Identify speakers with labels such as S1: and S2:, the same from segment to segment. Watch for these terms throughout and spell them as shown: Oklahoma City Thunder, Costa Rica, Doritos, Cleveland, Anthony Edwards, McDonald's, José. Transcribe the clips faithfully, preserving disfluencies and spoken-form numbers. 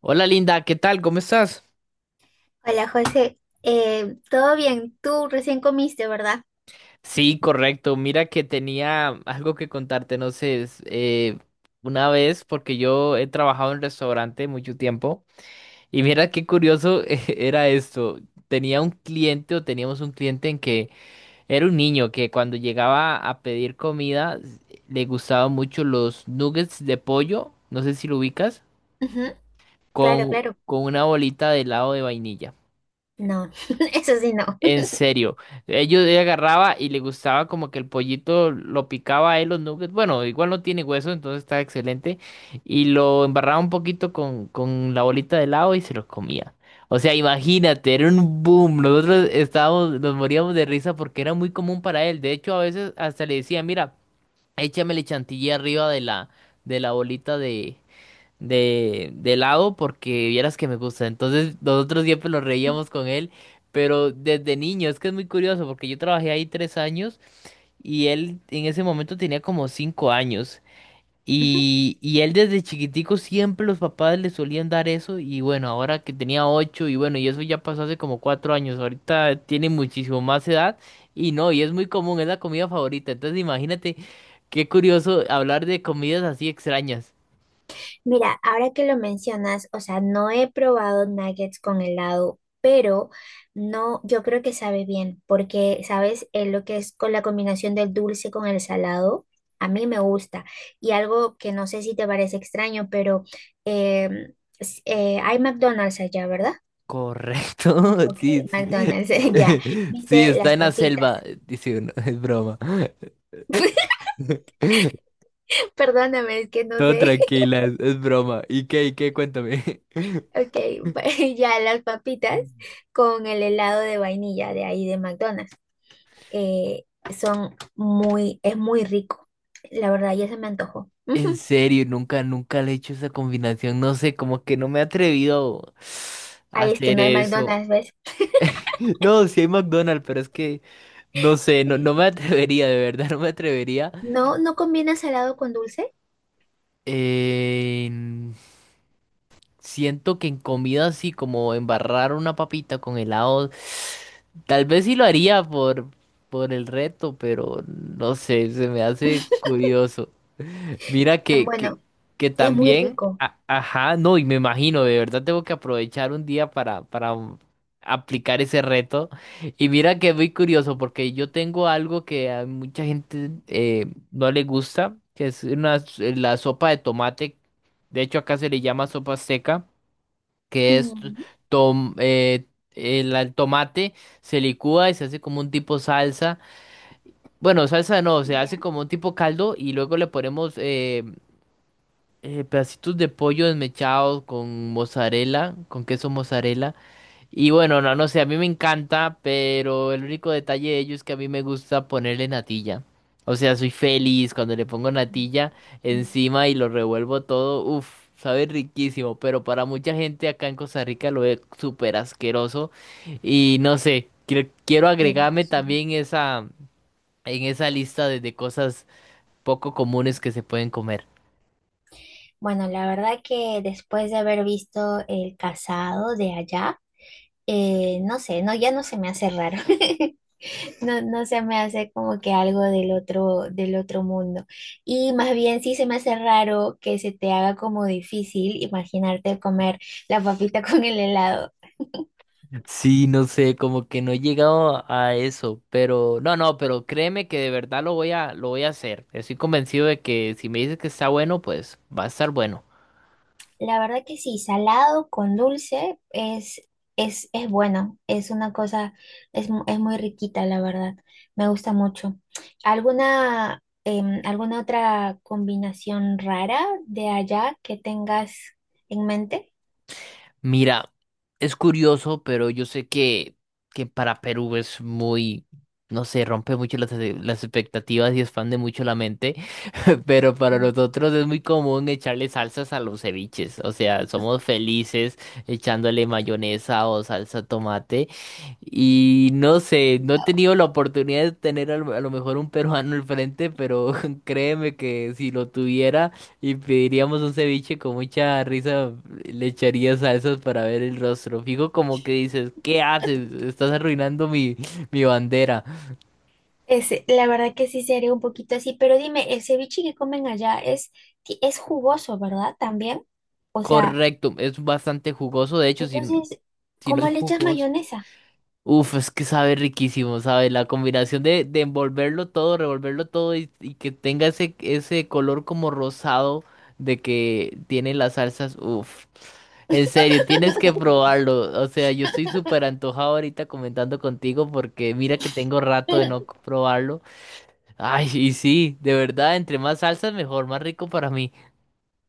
S1: Hola Linda, ¿qué tal? ¿Cómo estás?
S2: Hola José, Eh, ¿todo bien? Tú recién comiste, ¿verdad?
S1: Sí, correcto. Mira que tenía algo que contarte, no sé, es, eh, una vez, porque yo he trabajado en restaurante mucho tiempo, y mira qué curioso. Eh, era esto. Tenía un cliente o teníamos un cliente en que era un niño que cuando llegaba a pedir comida le gustaban mucho los nuggets de pollo, no sé si lo ubicas,
S2: Ujú. Claro,
S1: con,
S2: claro.
S1: con una bolita de helado de vainilla.
S2: No, eso sí no.
S1: En serio, ellos yo agarraba y le gustaba como que el pollito lo picaba a él los nuggets. Bueno, igual no tiene hueso, entonces está excelente. Y lo embarraba un poquito con, con la bolita de helado y se los comía. O sea, imagínate, era un boom. Nosotros estábamos, nos moríamos de risa porque era muy común para él. De hecho, a veces hasta le decía, mira, échamele chantilly arriba de la, de la bolita de, de, de lado porque vieras que me gusta. Entonces nosotros siempre nos reíamos con él, pero desde niño, es que es muy curioso porque yo trabajé ahí tres años y él en ese momento tenía como cinco años.
S2: Ujú.
S1: Y, y él desde chiquitico siempre los papás le solían dar eso y bueno, ahora que tenía ocho y bueno, y eso ya pasó hace como cuatro años, ahorita tiene muchísimo más edad y no, y es muy común, es la comida favorita, entonces imagínate qué curioso hablar de comidas así extrañas.
S2: Mira, ahora que lo mencionas, o sea, no he probado nuggets con helado, pero no, yo creo que sabe bien, porque, ¿sabes? Eh, lo que es con la combinación del dulce con el salado, a mí me gusta. Y algo que no sé si te parece extraño, pero em, s- eh, hay McDonald's allá, ¿verdad?
S1: Correcto.
S2: Ok,
S1: Sí, sí.
S2: McDonald's, ya.
S1: Sí,
S2: ¿Viste
S1: está
S2: las
S1: en la
S2: papitas?
S1: selva, dice uno, es broma.
S2: Perdóname, es que no
S1: Todo
S2: sé.
S1: tranquila, es, es broma. ¿Y qué, y qué? Cuéntame.
S2: Ok, ya las papitas con el helado de vainilla de ahí de McDonald's. eh, Son muy, es muy rico. La verdad, ya se me antojó. Ujú.
S1: En serio, nunca, nunca le he hecho esa combinación. No sé, como que no me he atrevido a
S2: Ay, es que
S1: hacer
S2: no hay
S1: eso.
S2: McDonald's, ¿ves?
S1: No, sí hay McDonald's, pero es que no sé, no, no me atrevería, de verdad, no me atrevería.
S2: No, no combina salado con dulce.
S1: Eh, Siento que en comida así como embarrar una papita con helado, tal vez sí lo haría por, por el reto, pero no sé, se me hace curioso. Mira
S2: Ah,
S1: que, que,
S2: bueno,
S1: que
S2: es muy
S1: también,
S2: rico.
S1: a- ajá, no, y me imagino, de verdad tengo que aprovechar un día para, para um, aplicar ese reto. Y mira que es muy curioso porque yo tengo algo que a mucha gente eh, no le gusta, que es una, la sopa de tomate. De hecho, acá se le llama sopa seca que es
S2: Mm,
S1: tom- eh, el, el tomate, se licúa y se hace como un tipo salsa. Bueno, salsa no, se
S2: ya.
S1: hace como un tipo caldo y luego le ponemos eh, eh, pedacitos de pollo desmechados con mozzarella, con queso mozzarella. Y bueno, no, no sé, a mí me encanta, pero el único detalle de ello es que a mí me gusta ponerle natilla. O sea, soy feliz cuando le pongo natilla
S2: Mm,
S1: encima y lo revuelvo todo. Uf, sabe riquísimo, pero para mucha gente acá en Costa Rica lo ve súper asqueroso. Y no sé, quiero, quiero agregarme
S2: asqueroso.
S1: también esa, en esa lista de, de cosas poco comunes que se pueden comer.
S2: Bueno, la verdad que después de haber visto el casado de allá, Eh, no sé, no, ya no se me hace raro. No, no se me hace como que algo del otro, del otro mundo. Y más bien sí se me hace raro que se te haga como difícil imaginarte comer la papita con el helado.
S1: Sí, no sé, como que no he llegado a eso, pero no, no, pero créeme que de verdad lo voy a, lo voy a hacer. Estoy convencido de que si me dices que está bueno, pues va a estar bueno.
S2: La verdad que sí, salado con dulce es, es, es bueno, es una cosa, es, mu- es muy riquita, la verdad, me gusta mucho. ¿Alguna, em, alguna otra combinación rara de allá que tengas en mente?
S1: Mira, es curioso, pero yo sé que, que para Perú es muy, no sé, rompe mucho las, eh, las expectativas y expande mucho la mente. Pero para nosotros es muy común echarle salsas a los ceviches, o sea, somos felices echándole mayonesa o salsa tomate y no sé, no he tenido la oportunidad de tener al- a lo mejor un peruano al frente, pero créeme que si lo tuviera... Y pediríamos un ceviche con mucha risa, le echaría salsas para ver el rostro. Fijo como que dices, ¿qué haces? Estás arruinando mi, mi bandera.
S2: Ese, la verdad que sí sería un poquito así, pero dime, el ceviche que comen allá es, ti- es jugoso, ¿verdad? También. O sea,
S1: Correcto, es bastante jugoso, de hecho, si,
S2: entonces,
S1: si no es
S2: ¿cómo le echas
S1: jugoso.
S2: mayonesa?
S1: Uf, es que sabe riquísimo, sabe, la combinación de, de envolverlo todo, revolverlo todo y, y que tenga ese, ese color como rosado de que tiene las salsas, uf, en serio, tienes que probarlo, o sea, yo estoy súper antojado ahorita comentando contigo porque mira que tengo rato de no probarlo, ay, y sí, de verdad, entre más salsas mejor, más rico para mí,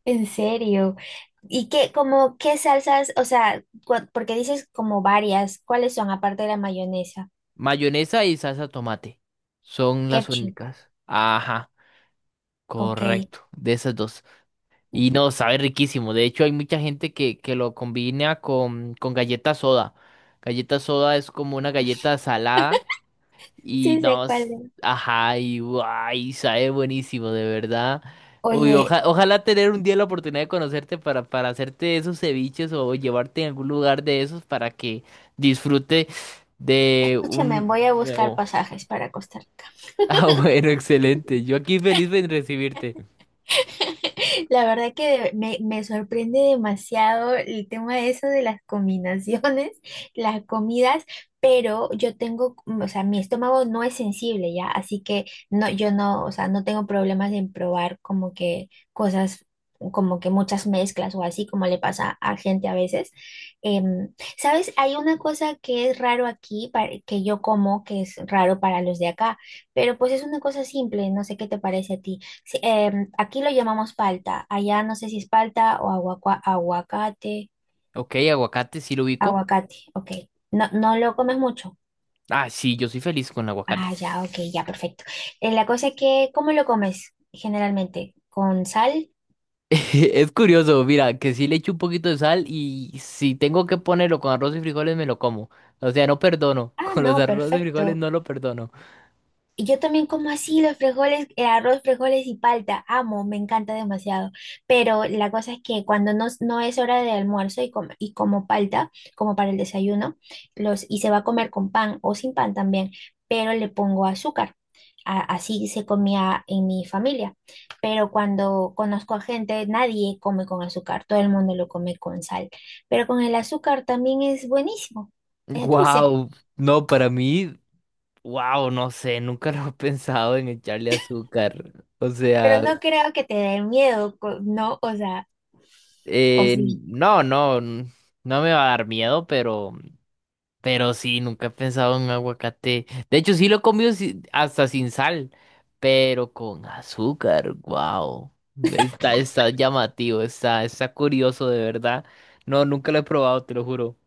S2: En serio. ¿Y qué, como, qué salsas, o sea, cua- porque dices como varias, ¿cuáles son aparte de la mayonesa?
S1: mayonesa y salsa tomate, son las
S2: Ketchup,
S1: únicas, ajá,
S2: ok.
S1: correcto, de esas dos. Y no, sabe riquísimo. De hecho, hay mucha gente que, que lo combina con, con galleta soda. Galleta soda es como una galleta salada y
S2: Sí sé
S1: no,
S2: cuál
S1: s-
S2: es.
S1: ajá, y guay, sabe buenísimo, de verdad. Uy,
S2: Oye,
S1: oja- ojalá tener un día la oportunidad de conocerte para, para hacerte esos ceviches o llevarte a algún lugar de esos para que disfrute de
S2: escúchame,
S1: un
S2: voy a buscar
S1: nuevo.
S2: pasajes para Costa Rica.
S1: Ah, bueno, excelente. Yo aquí feliz de recibirte.
S2: La verdad que me, me sorprende demasiado el tema de eso de las combinaciones, las comidas, pero yo tengo, mm, o sea, mi estómago no es sensible ya, así que no, yo no, o sea, no tengo problemas en probar como que cosas, como que muchas mezclas o así como le pasa a gente a veces. Em, ¿sabes? Hay una cosa que es raro aquí, pa- que yo como, que es raro para los de acá, pero pues es una cosa simple, no sé qué te parece a ti. Sí, em, aquí lo llamamos palta. Allá no sé si es palta o aguacua- aguacate.
S1: Ok, aguacate, sí lo ubico.
S2: Aguacate, ok. No, no lo comes mucho.
S1: Ah, sí, yo soy feliz con el aguacate.
S2: Ah, ya, ok, ya, perfecto. Eh, la cosa es que, ¿cómo lo comes generalmente? ¿Con sal?
S1: Es curioso, mira, que sí le echo un poquito de sal y si tengo que ponerlo con arroz y frijoles me lo como. O sea, no perdono.
S2: Ah,
S1: Con los
S2: no,
S1: arroz y frijoles
S2: perfecto.
S1: no lo perdono.
S2: Y yo también como así los frijoles, el arroz, frijoles y palta. Amo, me encanta demasiado. Pero la cosa es que cuando no, no es hora de almuerzo y, com- y como palta, como para el desayuno, los, y se va a comer con pan o sin pan también, pero le pongo azúcar. A- así se comía en mi familia. Pero cuando conozco a gente, nadie come con azúcar, todo el mundo lo come con sal. Pero con el azúcar también es buenísimo, es dulce.
S1: Wow, no, para mí, wow, no sé, nunca lo he pensado en echarle azúcar. O
S2: Pero
S1: sea,
S2: no creo que te dé miedo, co- ¿no? O sea... O
S1: eh,
S2: sí.
S1: no, no, n- no me va a dar miedo, pero Pero sí, nunca he pensado en un aguacate. De hecho, sí lo he comido si- hasta sin sal, pero con azúcar. Wow. Está, está llamativo, está, está curioso de verdad. No, nunca lo he probado, te lo juro.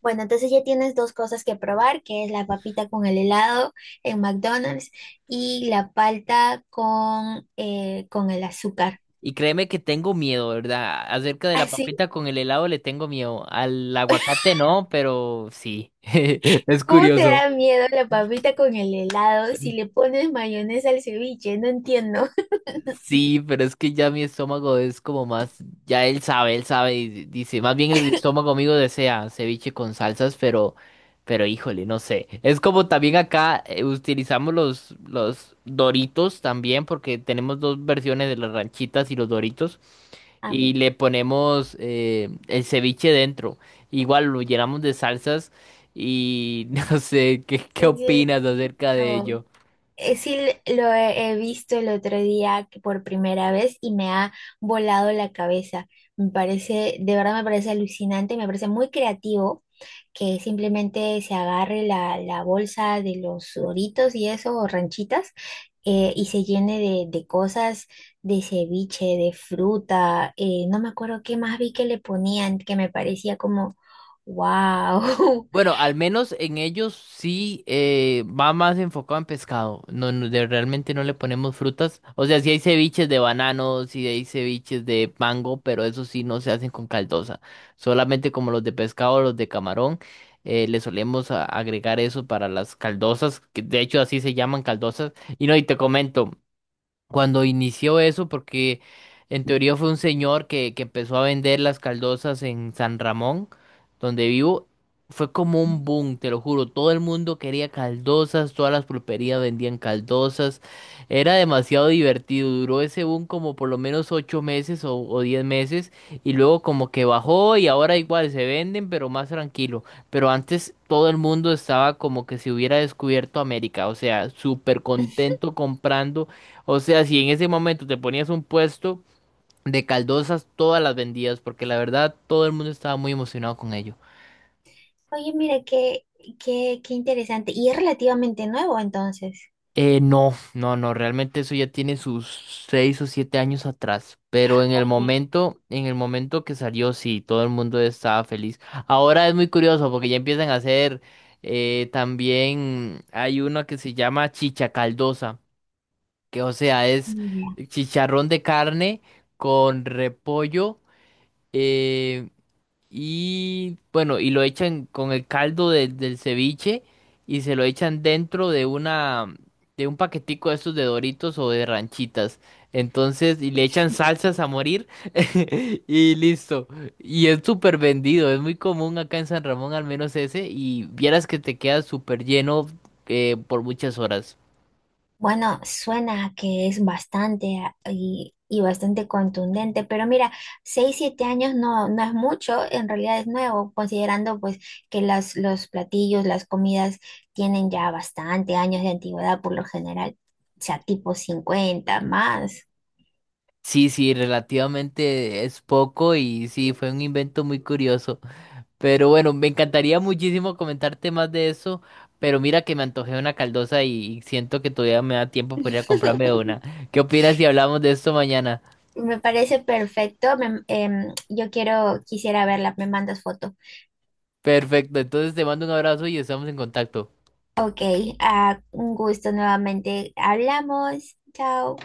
S2: Bueno, entonces ya tienes dos cosas que probar, que es la papita con el helado en McDonald's y la palta con, eh, con el azúcar.
S1: Y créeme que tengo miedo, ¿verdad? Acerca de la
S2: Así,
S1: papita con el helado le tengo miedo. Al aguacate no, pero sí. Es
S2: ¿cómo te
S1: curioso.
S2: da miedo la papita con el helado si le pones mayonesa al ceviche? No entiendo.
S1: Sí, pero es que ya mi estómago es como más, ya él sabe, él sabe y di- dice, más bien el estómago mío desea ceviche con salsas, pero, pero híjole, no sé. Es como también acá eh, utilizamos los, los Doritos también, porque tenemos dos versiones de las ranchitas y los Doritos,
S2: Ah,
S1: y
S2: mira,
S1: le ponemos eh, el ceviche dentro. Igual lo llenamos de salsas y no sé, ¿qué, qué
S2: sí, sí, lo he
S1: opinas acerca de
S2: visto.
S1: ello?
S2: Eh, sí, lo he he visto el otro día que por primera vez y me ha volado la cabeza. Me parece, de verdad me parece alucinante, me parece muy creativo que simplemente se agarre la, la bolsa de los doritos y eso, o ranchitas, eh, y se llene de, de cosas de ceviche, de fruta, eh, no me acuerdo qué más vi que le ponían, que me parecía como, wow.
S1: Bueno, al menos en ellos sí eh, va más enfocado en pescado. No, no, de- realmente no le ponemos frutas. O sea, sí hay ceviches de banano, sí hay ceviches de mango, pero eso sí no se hacen con caldosa. Solamente como los de pescado, los de camarón, eh, le solemos a- agregar eso para las caldosas, que de hecho así se llaman caldosas. Y no, y te comento cuando inició eso, porque en teoría fue un señor que, que empezó a vender las caldosas en San Ramón, donde vivo. Fue como un boom, te lo juro. Todo el mundo quería caldosas, todas las pulperías vendían caldosas. Era demasiado divertido. Duró ese boom como por lo menos ocho meses o, o diez meses. Y luego como que bajó y ahora igual se venden, pero más tranquilo. Pero antes todo el mundo estaba como que si hubiera descubierto América. O sea, súper contento comprando, o sea, si en ese momento te ponías un puesto de caldosas, todas las vendías, porque la verdad todo el mundo estaba muy emocionado con ello.
S2: Oye, mira, qué, qué, qué interesante. Y es relativamente nuevo entonces.
S1: Eh, no, no, no, realmente eso ya tiene sus seis o siete años atrás. Pero en el momento, en el momento que salió, sí, todo el mundo estaba feliz. Ahora es muy curioso porque ya empiezan a hacer, eh, también hay una que se llama chicha caldosa, que o sea, es
S2: Oye,
S1: chicharrón de carne con repollo. eh, Y bueno, y lo echan con el caldo de- del ceviche y se lo echan dentro de una de un paquetico de estos de Doritos o de ranchitas. Entonces, y le echan salsas a morir y listo. Y es súper vendido, es muy común acá en San Ramón, al menos ese, y vieras que te queda súper lleno eh, por muchas horas.
S2: bueno, suena que es bastante ah, y, y bastante contundente, pero mira, seis siete años no, no es mucho, en realidad es nuevo, considerando pues que las, los platillos, las comidas tienen ya bastante años de antigüedad por lo general, o sea, tipo cincuenta más.
S1: Sí, sí, relativamente es poco y sí, fue un invento muy curioso. Pero bueno, me encantaría muchísimo comentarte más de eso, pero mira que me antojé una caldosa y siento que todavía me da tiempo para ir a comprarme una. ¿Qué opinas si hablamos de esto mañana?
S2: Me parece perfecto. me- em, yo quiero, quisiera verla, me mandas foto.
S1: Perfecto, entonces te mando un abrazo y estamos en contacto.
S2: Ok, ah, un gusto nuevamente. Hablamos. Chao.